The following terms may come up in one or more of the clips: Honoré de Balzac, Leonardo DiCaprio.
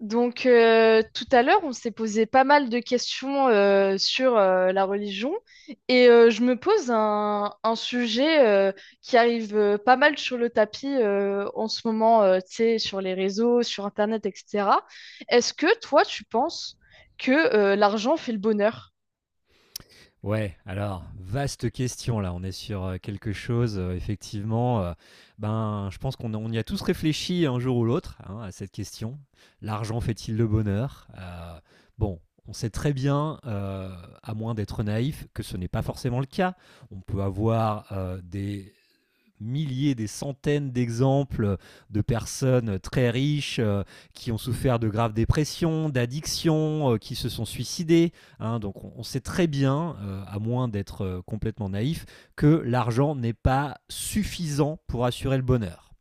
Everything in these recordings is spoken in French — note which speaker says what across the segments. Speaker 1: Tout à l'heure, on s'est posé pas mal de questions sur la religion et je me pose un sujet qui arrive pas mal sur le tapis en ce moment, tu sais, sur les réseaux, sur Internet, etc. Est-ce que toi, tu penses que l'argent fait le bonheur?
Speaker 2: Ouais, alors, vaste question là, on est sur quelque chose, effectivement, je pense qu'on on y a tous réfléchi un jour ou l'autre hein, à cette question. L'argent fait-il le bonheur? Bon, on sait très bien, à moins d'être naïf, que ce n'est pas forcément le cas. On peut avoir des milliers, des centaines d'exemples de personnes très riches qui ont souffert de graves dépressions, d'addictions, qui se sont suicidées, hein. Donc on sait très bien, à moins d'être complètement naïf, que l'argent n'est pas suffisant pour assurer le bonheur.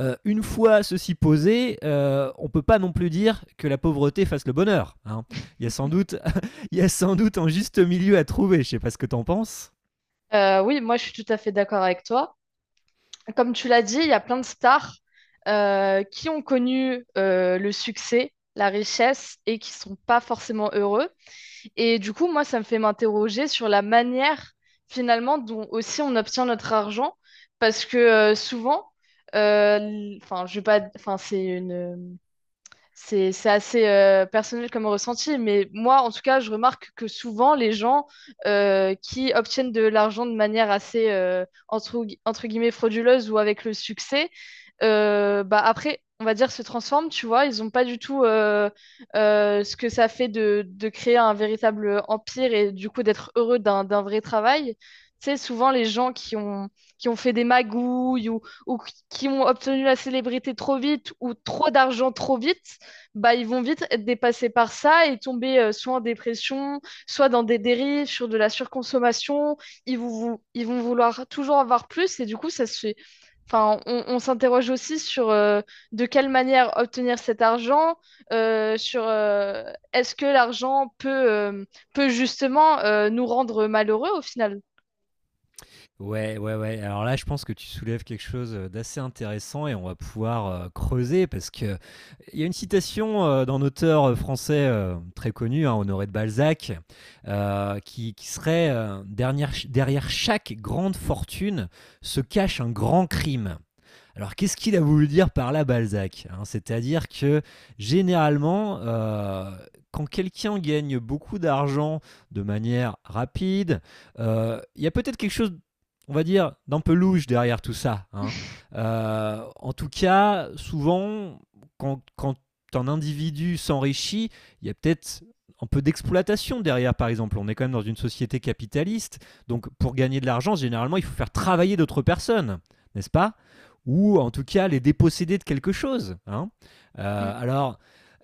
Speaker 2: Une fois ceci posé, on ne peut pas non plus dire que la pauvreté fasse le bonheur, hein. Il, y a sans doute, Il y a sans doute un juste milieu à trouver, je ne sais pas ce que t'en penses.
Speaker 1: Oui, moi, je suis tout à fait d'accord avec toi. Comme tu l'as dit, il y a plein de stars qui ont connu le succès, la richesse et qui sont pas forcément heureux. Et du coup, moi, ça me fait m'interroger sur la manière finalement dont aussi on obtient notre argent, parce que souvent, enfin, je vais pas, enfin, c'est assez personnel comme ressenti, mais moi, en tout cas, je remarque que souvent, les gens qui obtiennent de l'argent de manière assez, entre guillemets, frauduleuse ou avec le succès, bah après, on va dire, se transforment, tu vois. Ils n'ont pas du tout ce que ça fait de créer un véritable empire et du coup d'être heureux d'un vrai travail. Tu sais, souvent, les gens qui ont fait des magouilles ou qui ont obtenu la célébrité trop vite ou trop d'argent trop vite, bah, ils vont vite être dépassés par ça et tomber soit en dépression, soit dans des dérives, sur de la surconsommation. Ils vont vouloir toujours avoir plus et du coup, ça se fait. Enfin, on s'interroge aussi sur de quelle manière obtenir cet argent, sur est-ce que l'argent peut justement nous rendre malheureux au final.
Speaker 2: Ouais, ouais, ouais. Alors là, je pense que tu soulèves quelque chose d'assez intéressant et on va pouvoir creuser parce que il y a une citation d'un auteur français très connu, hein, Honoré de Balzac, qui serait derrière chaque grande fortune se cache un grand crime. Alors qu'est-ce qu'il a voulu dire par là Balzac, hein? C'est-à-dire que généralement, quand quelqu'un gagne beaucoup d'argent de manière rapide, il y a peut-être quelque chose on va dire, d'un peu louche derrière tout ça, hein. En tout cas, souvent, quand un individu s'enrichit, il y a peut-être un peu d'exploitation derrière, par exemple. On est quand même dans une société capitaliste, donc pour gagner de l'argent, généralement, il faut faire travailler d'autres personnes, n'est-ce pas, ou en tout cas les déposséder de quelque chose, hein.
Speaker 1: Mm.
Speaker 2: Euh, alors,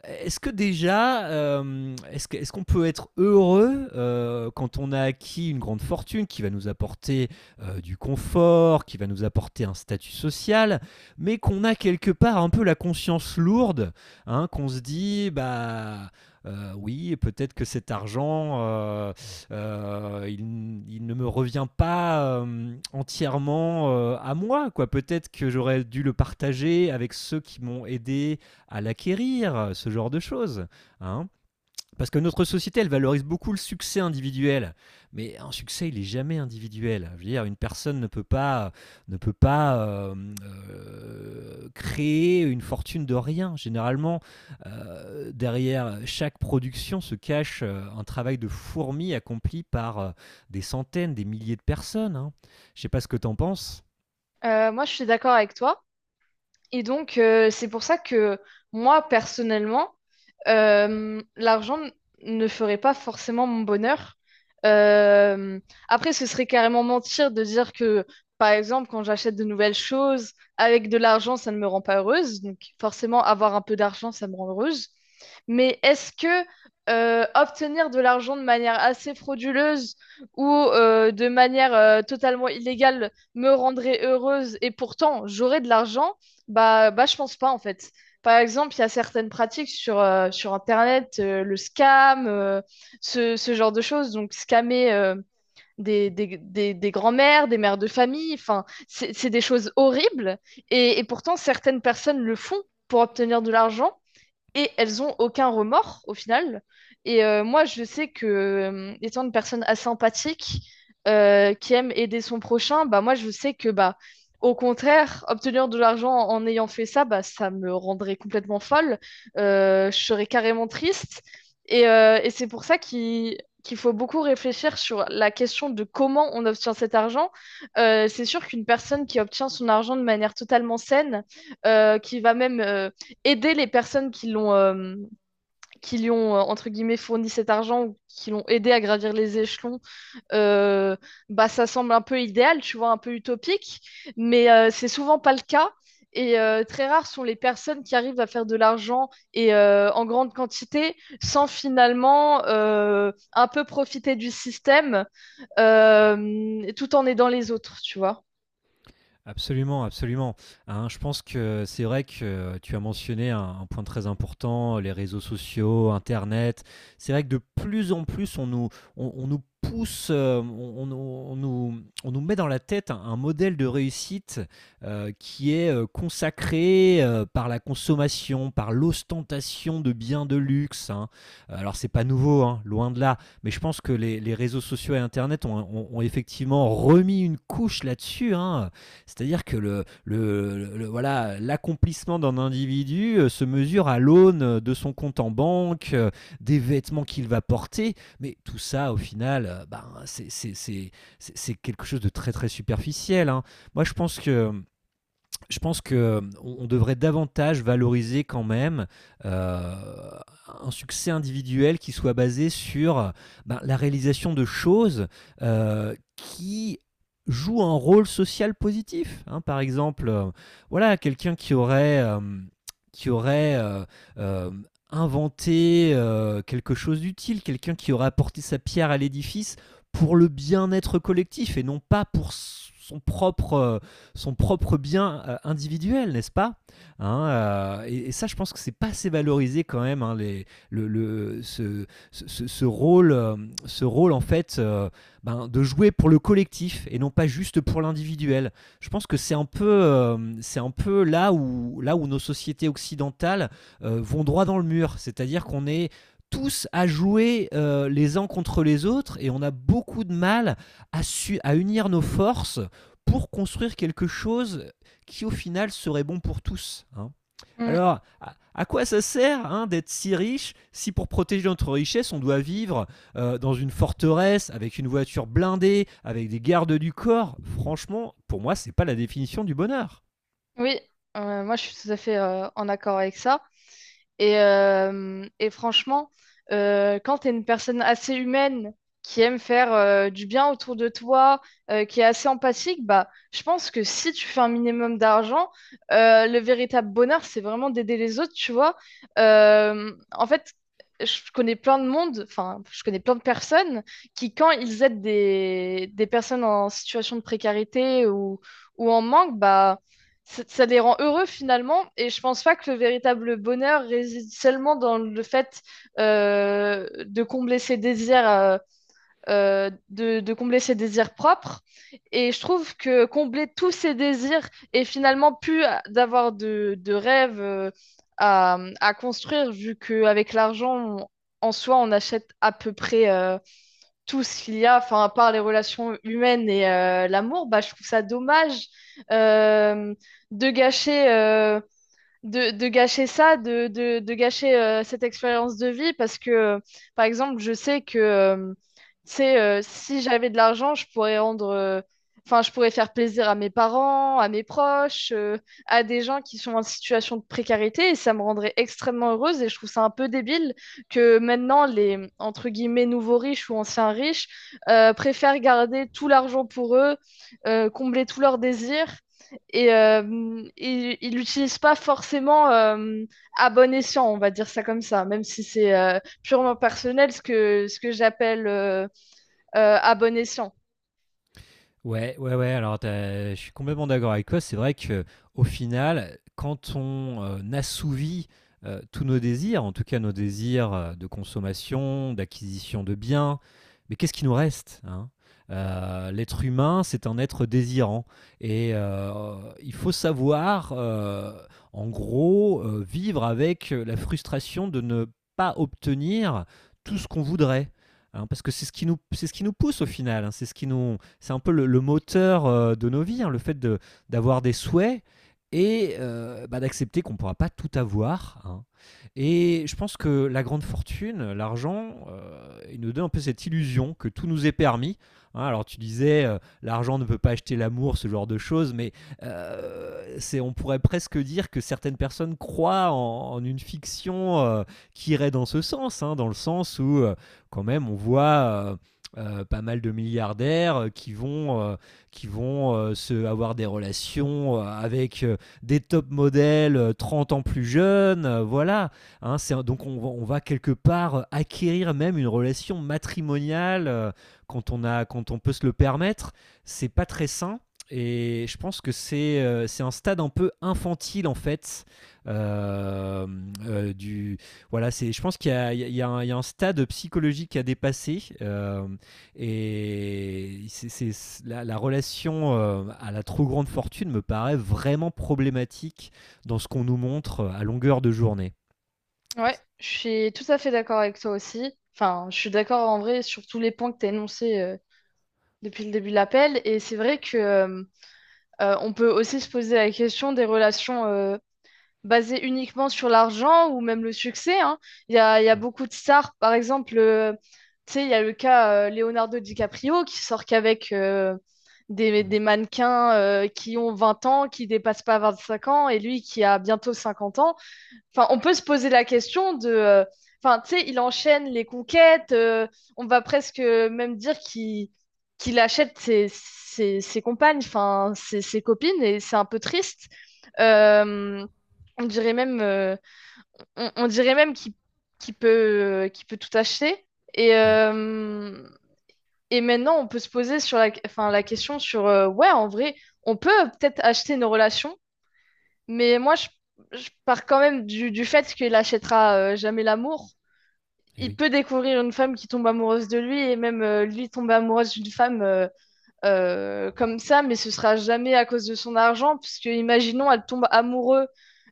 Speaker 2: est-ce que déjà, est-ce qu'on peut être heureux quand on a acquis une grande fortune qui va nous apporter du confort, qui va nous apporter un statut social, mais qu'on a quelque part un peu la conscience lourde, hein, qu'on se dit, bah, oui, peut-être que cet argent, il ne me revient pas entièrement à moi, quoi. Peut-être que j'aurais dû le partager avec ceux qui m'ont aidé à l'acquérir, ce genre de choses, hein. Parce que notre société, elle valorise beaucoup le succès individuel, mais un succès, il est jamais individuel. Je veux dire, une personne ne peut pas, ne peut pas créer une fortune de rien. Généralement, derrière chaque production se cache un travail de fourmi accompli par des centaines, des milliers de personnes, hein. Je ne sais pas ce que tu en penses.
Speaker 1: Moi, je suis d'accord avec toi. Et donc, c'est pour ça que moi, personnellement, l'argent ne ferait pas forcément mon bonheur. Euh, Après, ce serait carrément mentir de dire que, par exemple, quand j'achète de nouvelles choses, avec de l'argent, ça ne me rend pas heureuse. Donc, forcément, avoir un peu d'argent, ça me rend heureuse. Mais est-ce que obtenir de l'argent de manière assez frauduleuse ou de manière totalement illégale me rendrait heureuse et pourtant j'aurais de l'argent? Bah, je pense pas en fait. Par exemple, il y a certaines pratiques sur Internet, le scam, ce genre de choses. Donc, scammer des grands-mères, des mères de famille, enfin, c'est des choses horribles. Et pourtant, certaines personnes le font pour obtenir de l'argent et elles ont aucun remords au final. Et moi, je sais que étant une personne assez empathique, qui aime aider son prochain, bah moi, je sais que, bah, au contraire, obtenir de l'argent en ayant fait ça, bah, ça me rendrait complètement folle. Je serais carrément triste. Et et c'est pour ça qu'il faut beaucoup réfléchir sur la question de comment on obtient cet argent. C'est sûr qu'une personne qui obtient son argent de manière totalement saine, qui va même aider les personnes qui l'ont qui lui ont entre guillemets fourni cet argent ou qui l'ont aidé à gravir les échelons euh, bah ça semble un peu idéal tu vois un peu utopique mais c'est souvent pas le cas et très rares sont les personnes qui arrivent à faire de l'argent et en grande quantité sans finalement un peu profiter du système tout en aidant les autres tu vois.
Speaker 2: Absolument, absolument. Hein, je pense que c'est vrai que tu as mentionné un point très important, les réseaux sociaux, Internet. C'est vrai que de plus en plus, on nous pousse, on nous, on nous- on nous met dans la tête un modèle de réussite qui est consacré par la consommation, par l'ostentation de biens de luxe, hein. Alors, c'est pas nouveau, hein, loin de là. Mais je pense que les réseaux sociaux et Internet ont effectivement remis une couche là-dessus, hein. C'est-à-dire que voilà, l'accomplissement d'un individu se mesure à l'aune de son compte en banque, des vêtements qu'il va porter, mais tout ça au final, c'est quelque chose de très très superficiel, hein. Moi je pense que Je pense que on devrait davantage valoriser quand même euh, un succès individuel qui soit basé sur ben, la réalisation de choses qui jouent un rôle social positif, hein. Par exemple, voilà, qui aurait euh, inventé quelque chose d'utile, quelqu'un qui aurait apporté sa pierre à l'édifice pour le bien-être collectif et non pas pour son propre, euh, son propre bien individuel, n'est-ce pas? Hein, et ça, je pense que c'est pas assez valorisé quand même, hein, les, le- ce- ce rôle en fait ben, de jouer pour le collectif et non pas juste pour l'individuel. Je pense que c'est un peu là où nos sociétés occidentales vont droit dans le mur, c'est-à-dire qu'on est tous à jouer les uns contre les autres et on a beaucoup de mal à, à unir nos forces pour construire quelque chose qui au final serait bon pour tous, hein.
Speaker 1: Mm.
Speaker 2: Alors, à quoi ça sert hein, d'être si riche si pour protéger notre richesse, on doit vivre dans une forteresse avec une voiture blindée, avec des gardes du corps? Franchement, pour moi, c'est pas la définition du bonheur.
Speaker 1: Oui, moi je suis tout à fait en accord avec ça. Et et franchement, quand tu es une personne assez humaine qui aime faire du bien autour de toi, qui est assez empathique, bah, je pense que si tu fais un minimum d'argent, le véritable bonheur, c'est vraiment d'aider les autres, tu vois. En fait, je connais plein de monde, enfin, je connais plein de personnes qui, quand ils aident des personnes en situation de précarité ou en manque, bah, ça les rend heureux finalement. Et je pense pas que le véritable bonheur réside seulement dans le fait de combler ses désirs, de combler ses désirs propres. Et je trouve que combler tous ses désirs et finalement plus d'avoir de rêves euh, à construire, vu qu'avec l'argent, en soi, on achète à peu près tout ce qu'il y a, enfin, à part les relations humaines et l'amour, bah, je trouve ça dommage euh, de gâcher euh, de gâcher ça, de gâcher cette expérience de vie parce que par exemple, je sais que tu sais, si j'avais de l'argent, je pourrais enfin, je pourrais faire plaisir à mes parents, à mes proches, à des gens qui sont en situation de précarité et ça me rendrait extrêmement heureuse et je trouve ça un peu débile que maintenant entre guillemets, nouveaux riches ou anciens riches préfèrent garder tout l'argent pour eux, combler tous leurs désirs et il l'utilise pas forcément à bon escient, on va dire ça comme ça, même si c'est purement personnel ce que j'appelle à bon escient.
Speaker 2: Ouais, ouais, ouais. Alors, je suis complètement d'accord avec toi. C'est vrai que au final, quand on assouvit tous nos désirs, en tout cas nos désirs de consommation, d'acquisition de biens, mais qu'est-ce qui nous reste, hein? L'être humain, c'est un être désirant. Et il faut savoir, en gros, vivre avec la frustration de ne pas obtenir tout ce qu'on voudrait, hein, parce que c'est ce qui nous pousse au final, hein, c'est ce qui nous, c'est un peu le moteur de nos vies, hein, le fait d'avoir des souhaits et d'accepter qu'on ne pourra pas tout avoir, hein. Et je pense que la grande fortune, l'argent, il nous donne un peu cette illusion que tout nous est permis, hein. Alors tu disais, l'argent ne peut pas acheter l'amour, ce genre de choses, mais on pourrait presque dire que certaines personnes croient en une fiction qui irait dans ce sens, hein, dans le sens où quand même on voit pas mal de milliardaires qui vont avoir des relations avec des top modèles 30 ans plus jeunes. Voilà, hein. Donc on va quelque part acquérir même une relation matrimoniale quand on peut se le permettre. C'est pas très sain. Et je pense que c'est un stade un peu infantile en fait. Euh, euh, du, voilà, je pense qu'il y a, il y a- il y a il y a un stade psychologique à dépasser. La relation à la trop grande fortune me paraît vraiment problématique dans ce qu'on nous montre à longueur de journée.
Speaker 1: Ouais, je suis tout à fait d'accord avec toi aussi. Enfin, je suis d'accord en vrai sur tous les points que tu as énoncés depuis le début de l'appel. Et c'est vrai que on peut aussi se poser la question des relations basé uniquement sur l'argent ou même le succès, hein. Il y a
Speaker 2: Mm,
Speaker 1: beaucoup de stars, par exemple, tu sais, il y a le cas Leonardo DiCaprio qui sort qu'avec
Speaker 2: mm,
Speaker 1: des mannequins qui ont 20 ans, qui dépassent pas 25 ans, et lui qui a bientôt 50 ans. Enfin, on peut se poser la question de. Enfin, tu sais, il enchaîne les conquêtes. On va presque même dire qu'il achète ses compagnes, enfin, ses copines, et c'est un peu triste. Euh, on dirait même, euh, on dirait même qu'il qu'il peut tout acheter. Et,
Speaker 2: oui,
Speaker 1: euh, et maintenant, on peut se poser sur la, enfin, la question ouais, en vrai, on peut peut-être acheter nos relations mais je pars quand même du fait qu'il achètera jamais l'amour.
Speaker 2: eh
Speaker 1: Il
Speaker 2: oui.
Speaker 1: peut découvrir une femme qui tombe amoureuse de lui et même lui tomber amoureuse d'une femme. Comme ça, mais ce sera jamais à cause de son argent, puisque imaginons, elle tombe amoureuse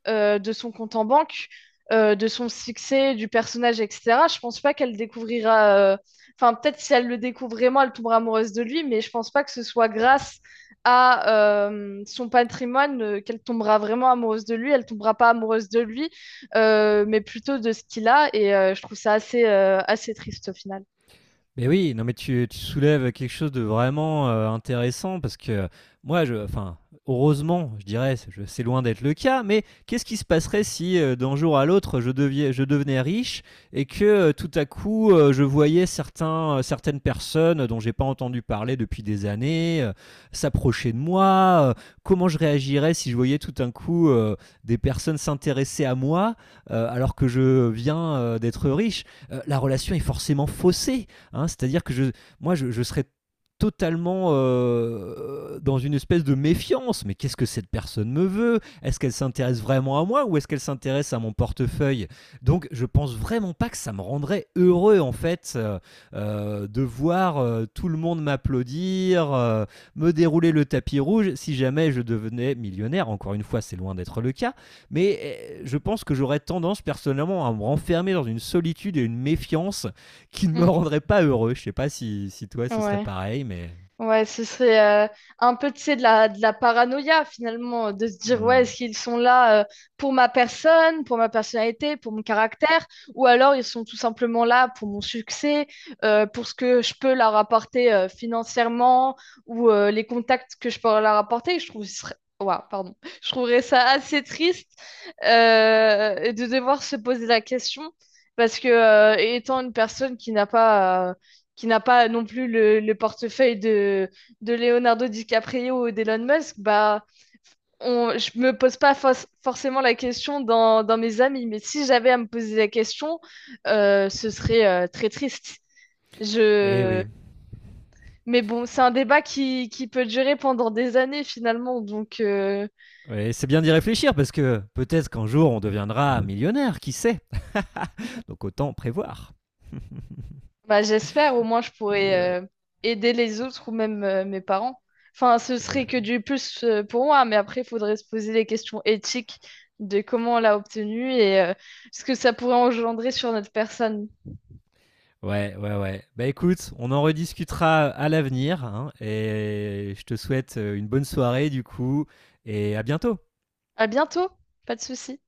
Speaker 1: de son compte en banque, de son succès, du personnage, etc. Je pense pas qu'elle découvrira. Enfin, peut-être si elle le découvre vraiment, elle tombera amoureuse de lui, mais je pense pas que ce soit grâce à son patrimoine qu'elle tombera vraiment amoureuse de lui. Elle tombera pas amoureuse de lui, mais plutôt de ce qu'il a. Et je trouve ça assez, assez triste au final.
Speaker 2: Mais oui, non mais tu soulèves quelque chose de vraiment, intéressant parce que moi je enfin, heureusement je dirais, c'est loin d'être le cas, mais qu'est-ce qui se passerait si, d'un jour à l'autre je devenais riche et que, tout à coup, je voyais certaines personnes dont j'ai pas entendu parler depuis des années, s'approcher de moi, Comment je réagirais si je voyais tout d'un coup, des personnes s'intéresser à moi, alors que je viens, d'être riche? La relation est forcément faussée. Hein, c'est-à-dire que je serais totalement dans une espèce de méfiance. Mais qu'est-ce que cette personne me veut? Est-ce qu'elle s'intéresse vraiment à moi ou est-ce qu'elle s'intéresse à mon portefeuille? Donc je pense vraiment pas que ça me rendrait heureux en fait de voir tout le monde m'applaudir, me dérouler le tapis rouge si jamais je devenais millionnaire. Encore une fois, c'est loin d'être le cas. Mais je pense que j'aurais tendance personnellement à me renfermer dans une solitude et une méfiance qui ne me
Speaker 1: Mm,
Speaker 2: rendrait pas heureux. Je sais pas si, si toi ce serait
Speaker 1: ouais.
Speaker 2: pareil, mais.
Speaker 1: Ouais, ce serait un peu, tu sais, de la paranoïa finalement, de se dire, ouais, est-ce
Speaker 2: Hmm.
Speaker 1: qu'ils sont là pour ma personne, pour ma personnalité, pour mon caractère, ou alors ils sont tout simplement là pour mon succès, pour ce que je peux leur apporter financièrement, ou les contacts que je peux leur apporter. Je trouve, ce serait- Ouah, pardon. Je trouverais ça assez triste de devoir se poser la question, parce que étant une personne qui n'a pas non plus le portefeuille de Leonardo DiCaprio ou d'Elon Musk, bah, je me pose pas forcément la question dans mes amis, mais si j'avais à me poser la question, ce serait très triste.
Speaker 2: Eh
Speaker 1: Je...
Speaker 2: oui.
Speaker 1: Mais bon, c'est un débat qui peut durer pendant des années finalement, donc
Speaker 2: Ouais, c'est bien d'y réfléchir parce que peut-être qu'un jour on deviendra millionnaire, qui sait? Donc autant prévoir.
Speaker 1: bah, j'espère, au moins je
Speaker 2: Ouais.
Speaker 1: pourrais aider les autres ou même mes parents. Enfin, ce
Speaker 2: Eh
Speaker 1: serait que
Speaker 2: ben,
Speaker 1: du plus pour moi, mais après, il faudrait se poser les questions éthiques de comment on l'a obtenu et ce que ça pourrait engendrer sur notre personne.
Speaker 2: ouais, ouais, ouais. Bah écoute, on en rediscutera à l'avenir hein, et je te souhaite une bonne soirée du coup et à bientôt.
Speaker 1: À bientôt, pas de souci.